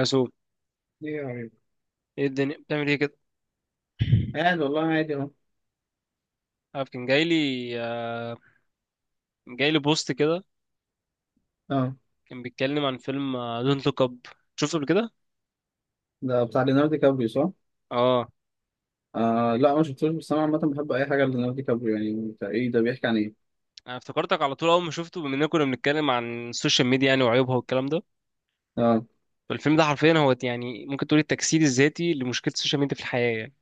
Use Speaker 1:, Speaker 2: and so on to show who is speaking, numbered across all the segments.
Speaker 1: اسوق.
Speaker 2: ايه يا حبيبي.
Speaker 1: ايه الدنيا بتعمل ايه كده؟
Speaker 2: عادي والله، عادي اهو.
Speaker 1: عارف، كان جاي لي آه جاي لي بوست كده.
Speaker 2: اه،
Speaker 1: كان بيتكلم عن فيلم دونت لوك اب. شفته قبل كده.
Speaker 2: ده بتاع ليوناردو دي كابريو، صح؟
Speaker 1: اه.
Speaker 2: آه لا ما شفتوش، بس انا عامة بحب اي حاجة ليوناردو دي كابريو، يعني بتاع ايه ده؟ بيحكي عن ايه؟
Speaker 1: انا افتكرتك على طول اول ما شفته، بما اننا كنا بنتكلم عن السوشيال ميديا يعني وعيوبها والكلام ده.
Speaker 2: اه.
Speaker 1: فالفيلم ده حرفيا هو يعني ممكن تقول التجسيد الذاتي لمشكله السوشيال ميديا في الحياه يعني.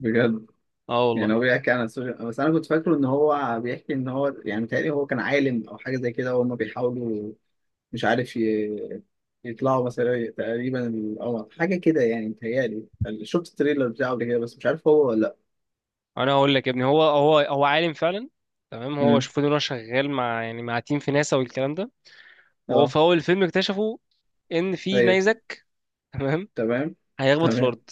Speaker 2: بجد.
Speaker 1: اه والله.
Speaker 2: يعني هو بيحكي عن السوشيال، بس انا كنت فاكره ان هو بيحكي ان هو يعني متهيألي هو كان عالم او حاجة زي كده وهم بيحاولوا مش عارف ي- يطلعوا مثلا تقريبا القمر حاجة كده يعني متهيألي. شفت التريلر بتاعه قبل كده بس مش عارف هو ولا لا.
Speaker 1: انا هقول لك يا ابني، هو عالم فعلا. تمام. هو
Speaker 2: امم.
Speaker 1: شوفوا ان هو شغال مع تيم في ناسا والكلام ده. وهو
Speaker 2: اه.
Speaker 1: في اول الفيلم اكتشفوا ان في
Speaker 2: طيب.
Speaker 1: نيزك. تمام.
Speaker 2: تمام.
Speaker 1: هيخبط في
Speaker 2: تمام.
Speaker 1: الارض.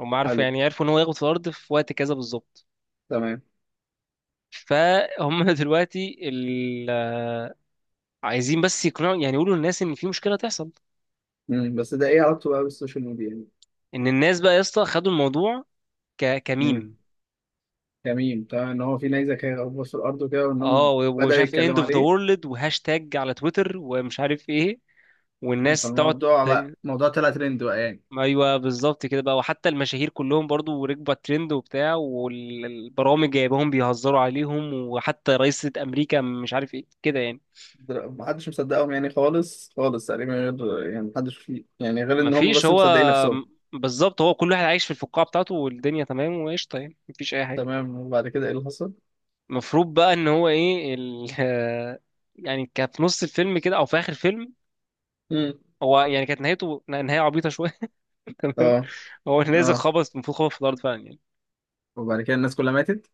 Speaker 1: هم عارفوا
Speaker 2: حلو.
Speaker 1: يعني عرفوا ان هو يخبط في الارض في وقت كذا بالظبط.
Speaker 2: تمام.
Speaker 1: فهم دلوقتي عايزين بس يقنعوا يعني يقولوا للناس ان في مشكله تحصل.
Speaker 2: امم، بس ده ايه علاقته بقى بالسوشيال ميديا يعني؟
Speaker 1: ان الناس بقى يا اسطى خدوا الموضوع
Speaker 2: مم.
Speaker 1: كميم.
Speaker 2: جميل طبعا ان هو في نيزك هيغوص في الارض وكده وان
Speaker 1: اه،
Speaker 2: هم
Speaker 1: و- ومش
Speaker 2: بدأوا
Speaker 1: عارف اند
Speaker 2: يتكلموا
Speaker 1: اوف ذا
Speaker 2: عليه.
Speaker 1: وورلد وهاشتاج على تويتر ومش عارف ايه. والناس تقعد
Speaker 2: فالموضوع بقى،
Speaker 1: ت-
Speaker 2: الموضوع طلع ترند بقى يعني.
Speaker 1: ايوه بالظبط كده بقى، وحتى المشاهير كلهم برضو ركبوا على الترند وبتاع، والبرامج جايباهم بيهزروا عليهم، وحتى رئيسة امريكا مش عارف ايه كده يعني.
Speaker 2: محدش مصدقهم يعني خالص خالص تقريبا، غير يعني محدش فيه يعني، غير ان هم
Speaker 1: مفيش.
Speaker 2: بس
Speaker 1: هو
Speaker 2: مصدقين نفسهم.
Speaker 1: بالظبط هو كل واحد عايش في الفقاعة بتاعته، والدنيا تمام وقشطة يعني، مفيش أي حاجة.
Speaker 2: تمام، وبعد كده ايه اللي حصل؟
Speaker 1: المفروض بقى إن هو إيه يعني كان في نص الفيلم كده أو في آخر الفيلم.
Speaker 2: مم.
Speaker 1: هو يعني كانت نهايته نهاية عبيطة شوية. تمام.
Speaker 2: اه.
Speaker 1: هو نازل
Speaker 2: اه.
Speaker 1: خبط، المفروض خبط في الأرض فعلا يعني.
Speaker 2: وبعد كده الناس كلها ماتت.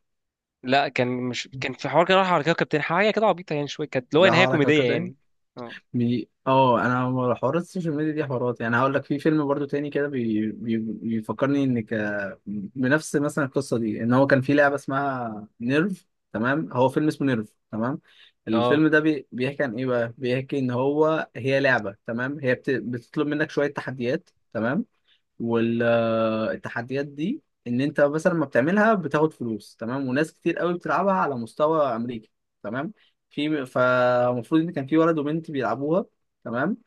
Speaker 1: لا، كان مش كان في حوار كده راح على كوكب تاني حاجة كده عبيطة يعني شوية، كانت اللي هو
Speaker 2: ده
Speaker 1: نهاية
Speaker 2: هقرا
Speaker 1: كوميدية
Speaker 2: كوكب تاني.
Speaker 1: يعني. اه،
Speaker 2: اه، انا حوارات السوشيال ميديا دي حوارات، يعني هقول لك في فيلم برضو تاني كده، بيفكرني ان بنفس مثلا القصه دي، ان هو كان في لعبه اسمها نيرف. تمام، هو فيلم اسمه نيرف. تمام،
Speaker 1: اه،
Speaker 2: الفيلم ده بيحكي عن ايه بقى، بيحكي ان هو هي لعبه، تمام، هي بتطلب منك شويه تحديات، تمام. والتحديات دي ان انت مثلا لما بتعملها بتاخد فلوس، تمام، وناس كتير قوي بتلعبها على مستوى امريكا. تمام. فالمفروض ان كان في ولد وبنت بيلعبوها، تمام.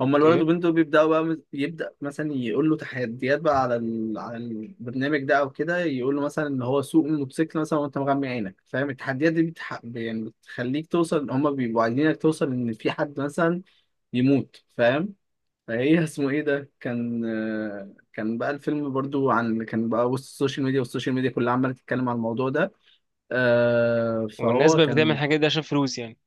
Speaker 2: هما الولد
Speaker 1: اوكي.
Speaker 2: والبنت دول بيبداوا بقى يبدا مثلا يقول له تحديات بقى على على البرنامج ده او كده، يقول له مثلا ان هو سوق الموتوسيكل مثلا وانت مغمي عينك، فاهم؟ التحديات دي يعني بتخليك توصل، هما بيبقوا عايزينك توصل ان في حد مثلا يموت، فاهم؟ فايه اسمه ايه ده، كان كان بقى الفيلم برضو عن، كان بقى وسط السوشيال ميديا والسوشيال ميديا كلها عماله تتكلم عن الموضوع ده.
Speaker 1: والناس
Speaker 2: فهو
Speaker 1: بقى بتعمل
Speaker 2: كان،
Speaker 1: الحاجات دي عشان فلوس يعني.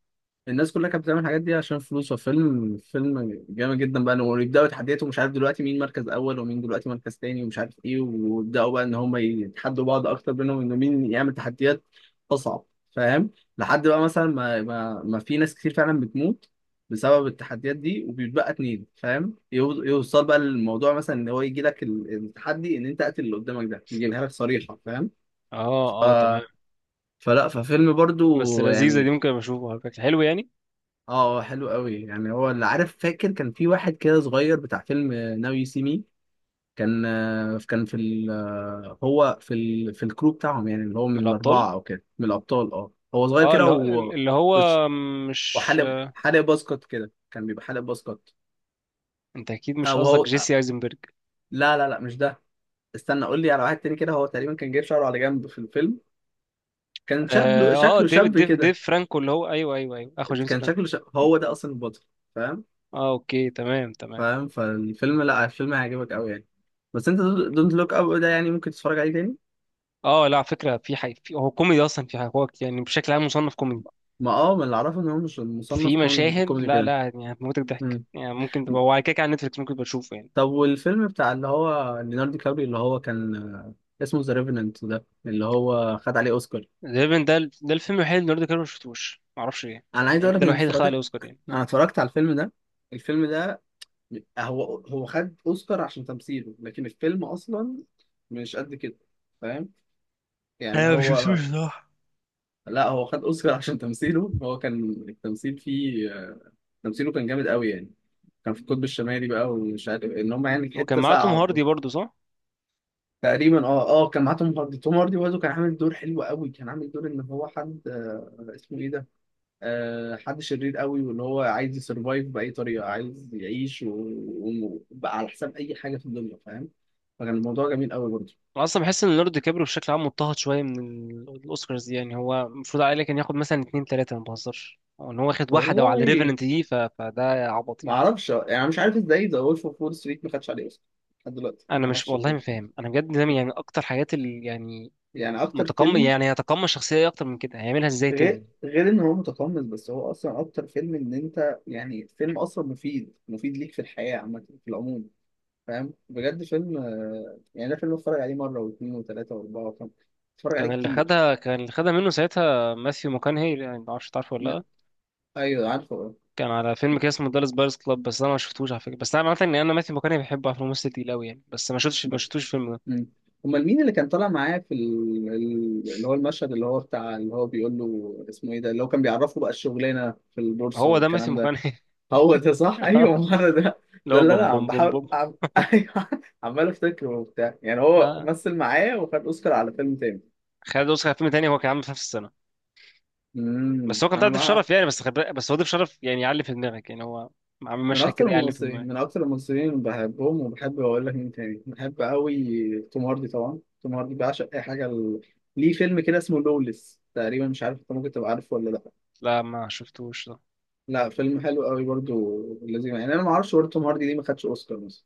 Speaker 2: الناس كلها كانت بتعمل الحاجات دي عشان فلوس، وفيلم جامد جدا بقى، ويبداوا يتحدوا مش عارف دلوقتي مين مركز اول ومين دلوقتي مركز تاني ومش عارف ايه، ويبداوا بقى ان هم يتحدوا بعض اكتر بينهم انه مين يعمل تحديات اصعب، فاهم؟ لحد بقى مثلا ما في ناس كتير فعلا بتموت بسبب التحديات دي، وبيتبقى اتنين، فاهم؟ يوصل بقى للموضوع مثلا ان هو يجي لك التحدي ان انت قتل اللي قدامك ده، يجيبها لك صريحه، فاهم؟
Speaker 1: اه،
Speaker 2: ف...
Speaker 1: اه، تمام.
Speaker 2: فلا ففيلم
Speaker 1: بس
Speaker 2: برضو
Speaker 1: لذيذة دي،
Speaker 2: يعني.
Speaker 1: ممكن أبقى أشوفها على فكرة. حلو يعني.
Speaker 2: اه. حلو قوي يعني. هو اللي عارف فاكر كان في واحد كده صغير بتاع فيلم ناو يو سي مي، كان كان في ال... آه، هو في في الكرو بتاعهم، يعني اللي هو من
Speaker 1: من الأبطال.
Speaker 2: الاربعه او كده، من الابطال، اه هو صغير
Speaker 1: اه.
Speaker 2: كده
Speaker 1: اللي هو
Speaker 2: و...
Speaker 1: اللي
Speaker 2: وش-
Speaker 1: هو مش
Speaker 2: وحالق باسكت كده، كان بيبقى حالق باسكت.
Speaker 1: انت اكيد
Speaker 2: اه
Speaker 1: مش
Speaker 2: وهو
Speaker 1: قصدك جيسي ايزنبرج؟
Speaker 2: لا لا لا مش ده. استنى قول لي على واحد تاني كده. هو تقريبا كان جايب شعره على جنب في الفيلم، كان
Speaker 1: اه.
Speaker 2: شكله
Speaker 1: آه، ديفيد
Speaker 2: شاب
Speaker 1: ديف
Speaker 2: كده،
Speaker 1: ديف فرانكو اللي هو، ايوه، ايوه، ايوه، اخو جيمس
Speaker 2: كان
Speaker 1: فرانكو.
Speaker 2: شكله شاب، هو ده اصلا البطل، فاهم؟
Speaker 1: اه، اوكي، تمام، تمام.
Speaker 2: فاهم. فالفيلم، لا الفيلم هيعجبك قوي يعني. بس انت دونت لوك اب ده يعني ممكن تتفرج عليه تاني.
Speaker 1: اه، لا، على فكره في هو كوميدي اصلا، في هو يعني بشكل عام مصنف كوميدي.
Speaker 2: ما اه ما اللي اعرفه ان هو مش مصنف
Speaker 1: في مشاهد،
Speaker 2: كوميدي
Speaker 1: لا،
Speaker 2: كده.
Speaker 1: لا، يعني هتموتك ضحك
Speaker 2: مم.
Speaker 1: يعني، ممكن تبقى هو على كده كده على نتفلكس، ممكن تبقى تشوفه يعني.
Speaker 2: طب والفيلم بتاع اللي هو ليوناردو كابري، اللي هو كان اسمه ذا ريفننت، ده اللي هو خد عليه اوسكار.
Speaker 1: تقريبا ده الفيلم الوحيد اللي ليوناردو دي كابريو ما شفتوش، معرفش ليه.
Speaker 2: انا عايز
Speaker 1: يعني
Speaker 2: اقول
Speaker 1: ده
Speaker 2: لك ان
Speaker 1: الوحيد اللي خد عليه
Speaker 2: اتفرجت،
Speaker 1: اوسكار يعني.
Speaker 2: انا اتفرجت على الفيلم ده. الفيلم ده هو خد اوسكار عشان تمثيله، لكن الفيلم اصلا مش قد كده، فاهم؟ يعني
Speaker 1: انا ما بشوفوش
Speaker 2: هو،
Speaker 1: بصراحة.
Speaker 2: لا هو خد اوسكار عشان تمثيله، هو كان التمثيل فيه، تمثيله كان جامد قوي يعني. كان في القطب الشمالي بقى ومش عارف إيه، ان هم يعني في
Speaker 1: وكان
Speaker 2: حته
Speaker 1: معاه توم
Speaker 2: ساقعه وكده.
Speaker 1: هاردي برضه، صح؟
Speaker 2: تقريبا اه. اه كان معاه توم هاردي، توم هاردي برضه كان عامل دور حلو قوي، كان عامل دور ان هو حد آه اسمه ايه ده، آه حد شرير قوي، واللي هو عايز يسرفايف باي طريقه، عايز يعيش وبقى على حساب اي حاجه في الدنيا، فاهم؟ فكان الموضوع جميل قوي برضه.
Speaker 1: انا اصلا بحس ان ليوناردو دي كابريو بشكل عام مضطهد شويه من الاوسكارز دي، يعني هو المفروض عليه كان ياخد مثلا اتنين تلاته ما بهزرش، او ان هو واخد واحده وعلى
Speaker 2: والله
Speaker 1: ريفننت دي، فده عبط
Speaker 2: ما
Speaker 1: يعني.
Speaker 2: اعرفش يعني، مش عارف ازاي ذا وولف اوف وول ستريت ما خدش عليه اوسكار لحد دلوقتي،
Speaker 1: انا
Speaker 2: ما
Speaker 1: مش
Speaker 2: اعرفش
Speaker 1: والله ما
Speaker 2: بجد.
Speaker 1: فاهم، انا بجد ده يعني اكتر حاجات اللي يعني
Speaker 2: يعني اكتر
Speaker 1: متقمص،
Speaker 2: فيلم،
Speaker 1: يعني هيتقمص الشخصيه دي اكتر من كده هيعملها ازاي
Speaker 2: غير
Speaker 1: تاني؟
Speaker 2: ان هو متقمص، بس هو اصلا اكتر فيلم ان انت يعني، فيلم اصلا مفيد، ليك في الحياة عامة، في العموم، فاهم؟ بجد فيلم يعني ده فيلم اتفرج عليه مرة واثنين وثلاثة واربعة وخمسة، اتفرج عليه
Speaker 1: كان اللي
Speaker 2: كتير.
Speaker 1: خدها كان اللي خدها منه ساعتها ماثيو ماكونهي، يعني ما اعرفش تعرفه ولا
Speaker 2: ما...
Speaker 1: لا.
Speaker 2: ايوه عارفه اه.
Speaker 1: كان على فيلم كده اسمه دالاس بايرس كلاب، بس انا ما شفتوش على فكره، بس انا عارف ان انا ماثيو ماكونهي بحبه، عارف إنه ممثل تقيل قوي يعني، بس ما شفتش ما
Speaker 2: ما-
Speaker 1: شفتوش الفيلم ده.
Speaker 2: مم. امال مين اللي كان طالع معاه في اللي هو المشهد اللي هو بتاع، اللي هو بيقول له اسمه ايه ده، اللي هو كان بيعرفه بقى الشغلانة في البورصة
Speaker 1: هو ده ماثيو
Speaker 2: والكلام ده.
Speaker 1: ماكونهي.
Speaker 2: هو ده، صح؟ ايوه ما انا ده،
Speaker 1: اللي
Speaker 2: ده
Speaker 1: هو
Speaker 2: اللي انا
Speaker 1: بوم
Speaker 2: عم
Speaker 1: بوم بوم
Speaker 2: بحاول
Speaker 1: بوم.
Speaker 2: ايوه. عمال افتكره وبتاع يعني. هو
Speaker 1: اه.
Speaker 2: مثل معايا وخد اوسكار على فيلم تاني.
Speaker 1: خالد اوسخ فيلم تاني هو كان عامل في نفس السنه،
Speaker 2: امم،
Speaker 1: بس هو كان
Speaker 2: انا
Speaker 1: طالع ضيف
Speaker 2: مع،
Speaker 1: شرف يعني، بس هو ضيف شرف يعني، يعلي في دماغك يعني، هو عامل
Speaker 2: من
Speaker 1: مشهد
Speaker 2: اكتر
Speaker 1: كده يعلي في
Speaker 2: الممثلين، من
Speaker 1: دماغك.
Speaker 2: اكتر الممثلين اللي بحبهم، وبحب اقول لك مين تاني بحب قوي توم هاردي، طبعا توم هاردي بعشق، اي حاجه ليه فيلم كده اسمه لوليس تقريبا، مش عارف انت ممكن تبقى عارفه ولا لا.
Speaker 1: لا، ما شفتوش ده.
Speaker 2: لا فيلم حلو قوي برضو، لازم يعني. انا ما اعرفش برضه توم هاردي ليه ما خدش اوسكار مثلا.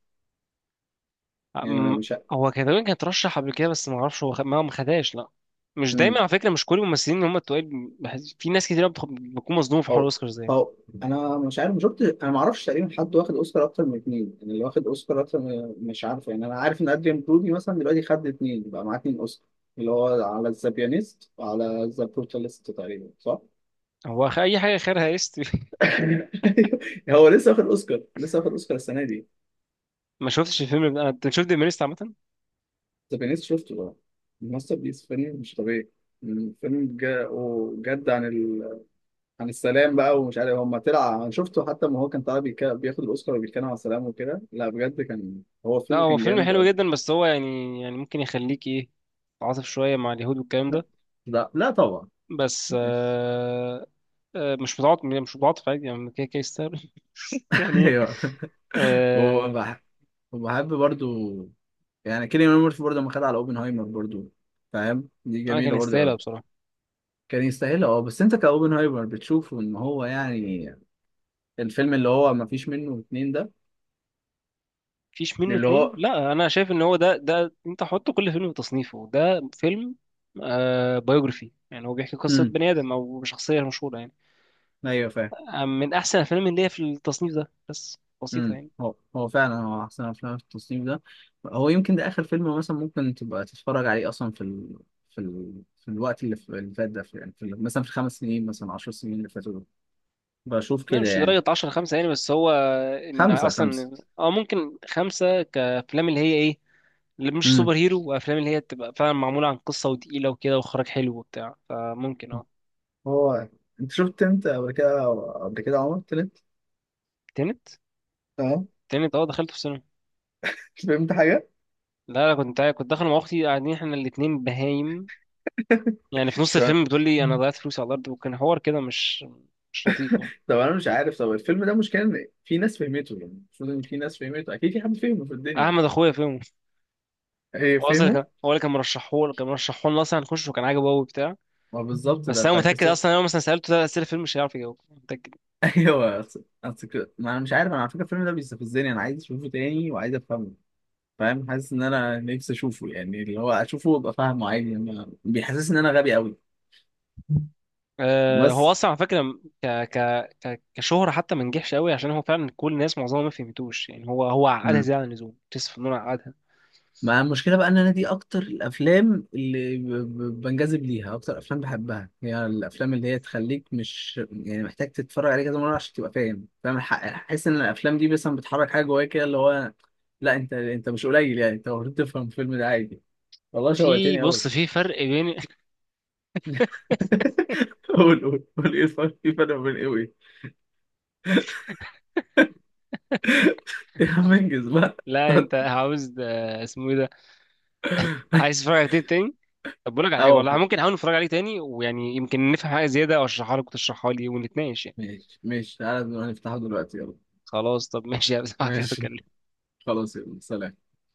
Speaker 2: يعني أنا
Speaker 1: أم...
Speaker 2: مش،
Speaker 1: هو كان تقريبا كان ترشح قبل كده، بس ما اعرفش هو ما خدهاش، لا. مش دايما
Speaker 2: مم.
Speaker 1: على فكره، مش كل الممثلين اللي هم التقال في ناس كتير بتكون مصدومه في حوار
Speaker 2: هو
Speaker 1: الاوسكار زي
Speaker 2: هو انا مش عارف، مش شفت، انا ما اعرفش تقريبا حد واخد اوسكار اكتر من اتنين، يعني اللي واخد اوسكار مش عارف يعني. انا عارف ان ادريان برودي مثلا دلوقتي خد اتنين، بقى معاه اتنين اوسكار، اللي هو على ذا بيانيست وعلى ذا بروتاليست تقريبا، صح؟
Speaker 1: هو اي حاجه خيرها است.
Speaker 2: هو لسه واخد اوسكار، لسه واخد اوسكار السنه دي.
Speaker 1: ما شفتش الفيلم ده انا. انت شفت ديمينيست عامه؟
Speaker 2: ذا بيانيست شفته بقى، ماستر بيس، فيلم مش طبيعي. مم، فيلم بجد عن، عن السلام بقى، ومش عارف هم طلع، انا شفته حتى ما هو كان طالع بياخد الاوسكار وبيتكلم عن السلام وكده، لا بجد كان هو
Speaker 1: لا،
Speaker 2: الفيلم
Speaker 1: هو
Speaker 2: كان
Speaker 1: فيلم
Speaker 2: جامد
Speaker 1: حلو
Speaker 2: قوي.
Speaker 1: جدا، بس هو يعني ممكن يخليك ايه، تعاطف شويه مع اليهود والكلام ده.
Speaker 2: لا لا طبعا.
Speaker 1: بس مش متعاطف، مش متعاطف عادي يعني، كده كده يستاهل. يعني.
Speaker 2: ايوه.
Speaker 1: آه،
Speaker 2: وبح- وبحب برضو يعني كيليان ميرفي برضو لما خد على اوبنهايمر برضو، فاهم؟ دي
Speaker 1: انا كان
Speaker 2: جميله برضو
Speaker 1: يستاهلها
Speaker 2: قوي.
Speaker 1: بصراحه.
Speaker 2: كان يستاهل اه. بس انت كاوبنهايمر بتشوف ان هو يعني الفيلم اللي هو ما فيش منه اتنين ده،
Speaker 1: مفيش منه
Speaker 2: اللي
Speaker 1: اتنين.
Speaker 2: هو.
Speaker 1: لا، انا شايف ان هو ده انت حط كل فيلم في تصنيفه. ده فيلم آه بايوجرافي يعني هو بيحكي قصه
Speaker 2: امم.
Speaker 1: بني ادم او شخصيه مشهوره يعني.
Speaker 2: ايوه فاهم.
Speaker 1: آه، من احسن الافلام اللي هي في التصنيف ده، بس بسيطه
Speaker 2: امم،
Speaker 1: يعني.
Speaker 2: هو فعلا هو احسن افلام في التصنيف ده، هو يمكن ده اخر فيلم مثلا ممكن تبقى تتفرج عليه اصلا في في الوقت اللي اللي فات ده، يعني مثلا في 5 سنين، مثلا 10 سنين اللي فاتوا دول، بشوف
Speaker 1: لا،
Speaker 2: كده
Speaker 1: مش
Speaker 2: يعني.
Speaker 1: درجة 10 5 يعني، بس هو إن
Speaker 2: خمسة خمسة.
Speaker 1: أصلا أو ممكن 5 كأفلام اللي هي إيه، اللي مش سوبر
Speaker 2: امم.
Speaker 1: هيرو، وافلام اللي هي بتبقى فعلا معموله عن قصه وتقيله وكده واخراج حلو وبتاع، فممكن. اه.
Speaker 2: هو انت شفت، انت قبل كده، قبل كده عمر تلت،
Speaker 1: تنت،
Speaker 2: اه.
Speaker 1: تنت، اه، دخلته في السينما.
Speaker 2: مش فهمت حاجة؟
Speaker 1: لا، انا كنت داخل مع اختي، قاعدين احنا الاتنين بهايم يعني
Speaker 2: مش
Speaker 1: في نص
Speaker 2: فاهم.
Speaker 1: الفيلم بتقول لي انا ضيعت فلوسي على الارض، وكان حوار كده مش لطيف يعني.
Speaker 2: طب انا مش عارف، طب الفيلم ده مش كان في ناس فهمته؟ يعني المفروض ان في ناس فهمته، اكيد في حد فهمه في الدنيا.
Speaker 1: احمد اخويا فيلم.
Speaker 2: ايه
Speaker 1: هو اصلا
Speaker 2: فهمه؟
Speaker 1: كان هو اللي كان مرشحه لنا اصلا هنخش، وكان عاجبه قوي وبتاع.
Speaker 2: ما بالظبط ده
Speaker 1: بس انا
Speaker 2: بتاع
Speaker 1: متاكد،
Speaker 2: كريستوفر.
Speaker 1: اصلا انا لو مثلا سالته 3 اسئله فيلم مش هيعرف يجاوب، متاكد.
Speaker 2: ايوه، أصل أصل ما انا مش عارف، انا على فكره الفيلم ده بيستفزني، انا عايز اشوفه تاني وعايز افهمه، فاهم؟ حاسس ان انا نفسي اشوفه يعني، اللي هو اشوفه وابقى فاهمه عادي، بيحسسني ان انا غبي قوي
Speaker 1: آه، هو
Speaker 2: بس.
Speaker 1: اصلا على فكره كشهره حتى ما نجحش قوي، عشان هو فعلا كل الناس معظمها ما فهمتوش يعني، هو عقدها
Speaker 2: مم.
Speaker 1: زياده عن اللزوم، كريستوفر نولان عقدها.
Speaker 2: ما المشكله بقى ان انا دي اكتر الافلام اللي بنجذب ليها، اكتر افلام بحبها هي الافلام اللي هي تخليك مش يعني محتاج تتفرج عليها كذا مره عشان تبقى فاهم، فاهم الحق. احس ان الافلام دي مثلا بتحرك حاجه جواك كده، اللي هو، لا انت، انت مش قليل يعني، انت المفروض تفهم الفيلم ده عادي. والله
Speaker 1: في،
Speaker 2: شوقتني قوي.
Speaker 1: بص، في فرق بين.
Speaker 2: قول قول قول، ايه الفرق؟ في فرق بين ايه وايه؟ إيه يا عم انجز بقى.
Speaker 1: لا، انت عاوز اسمه ايه ده، عايز تتفرج على تاني تاني؟ طب بقول لك على حاجه،
Speaker 2: اه
Speaker 1: والله ممكن احاول نتفرج عليه تاني، ويعني يمكن نفهم حاجه زياده، او اشرحها لك وتشرحها لي ونتناقش يعني.
Speaker 2: ماشي ماشي، تعالى نفتحه دلوقتي يلا.
Speaker 1: خلاص، طب ماشي يا بس.
Speaker 2: ماشي. خلاص يلا سلام.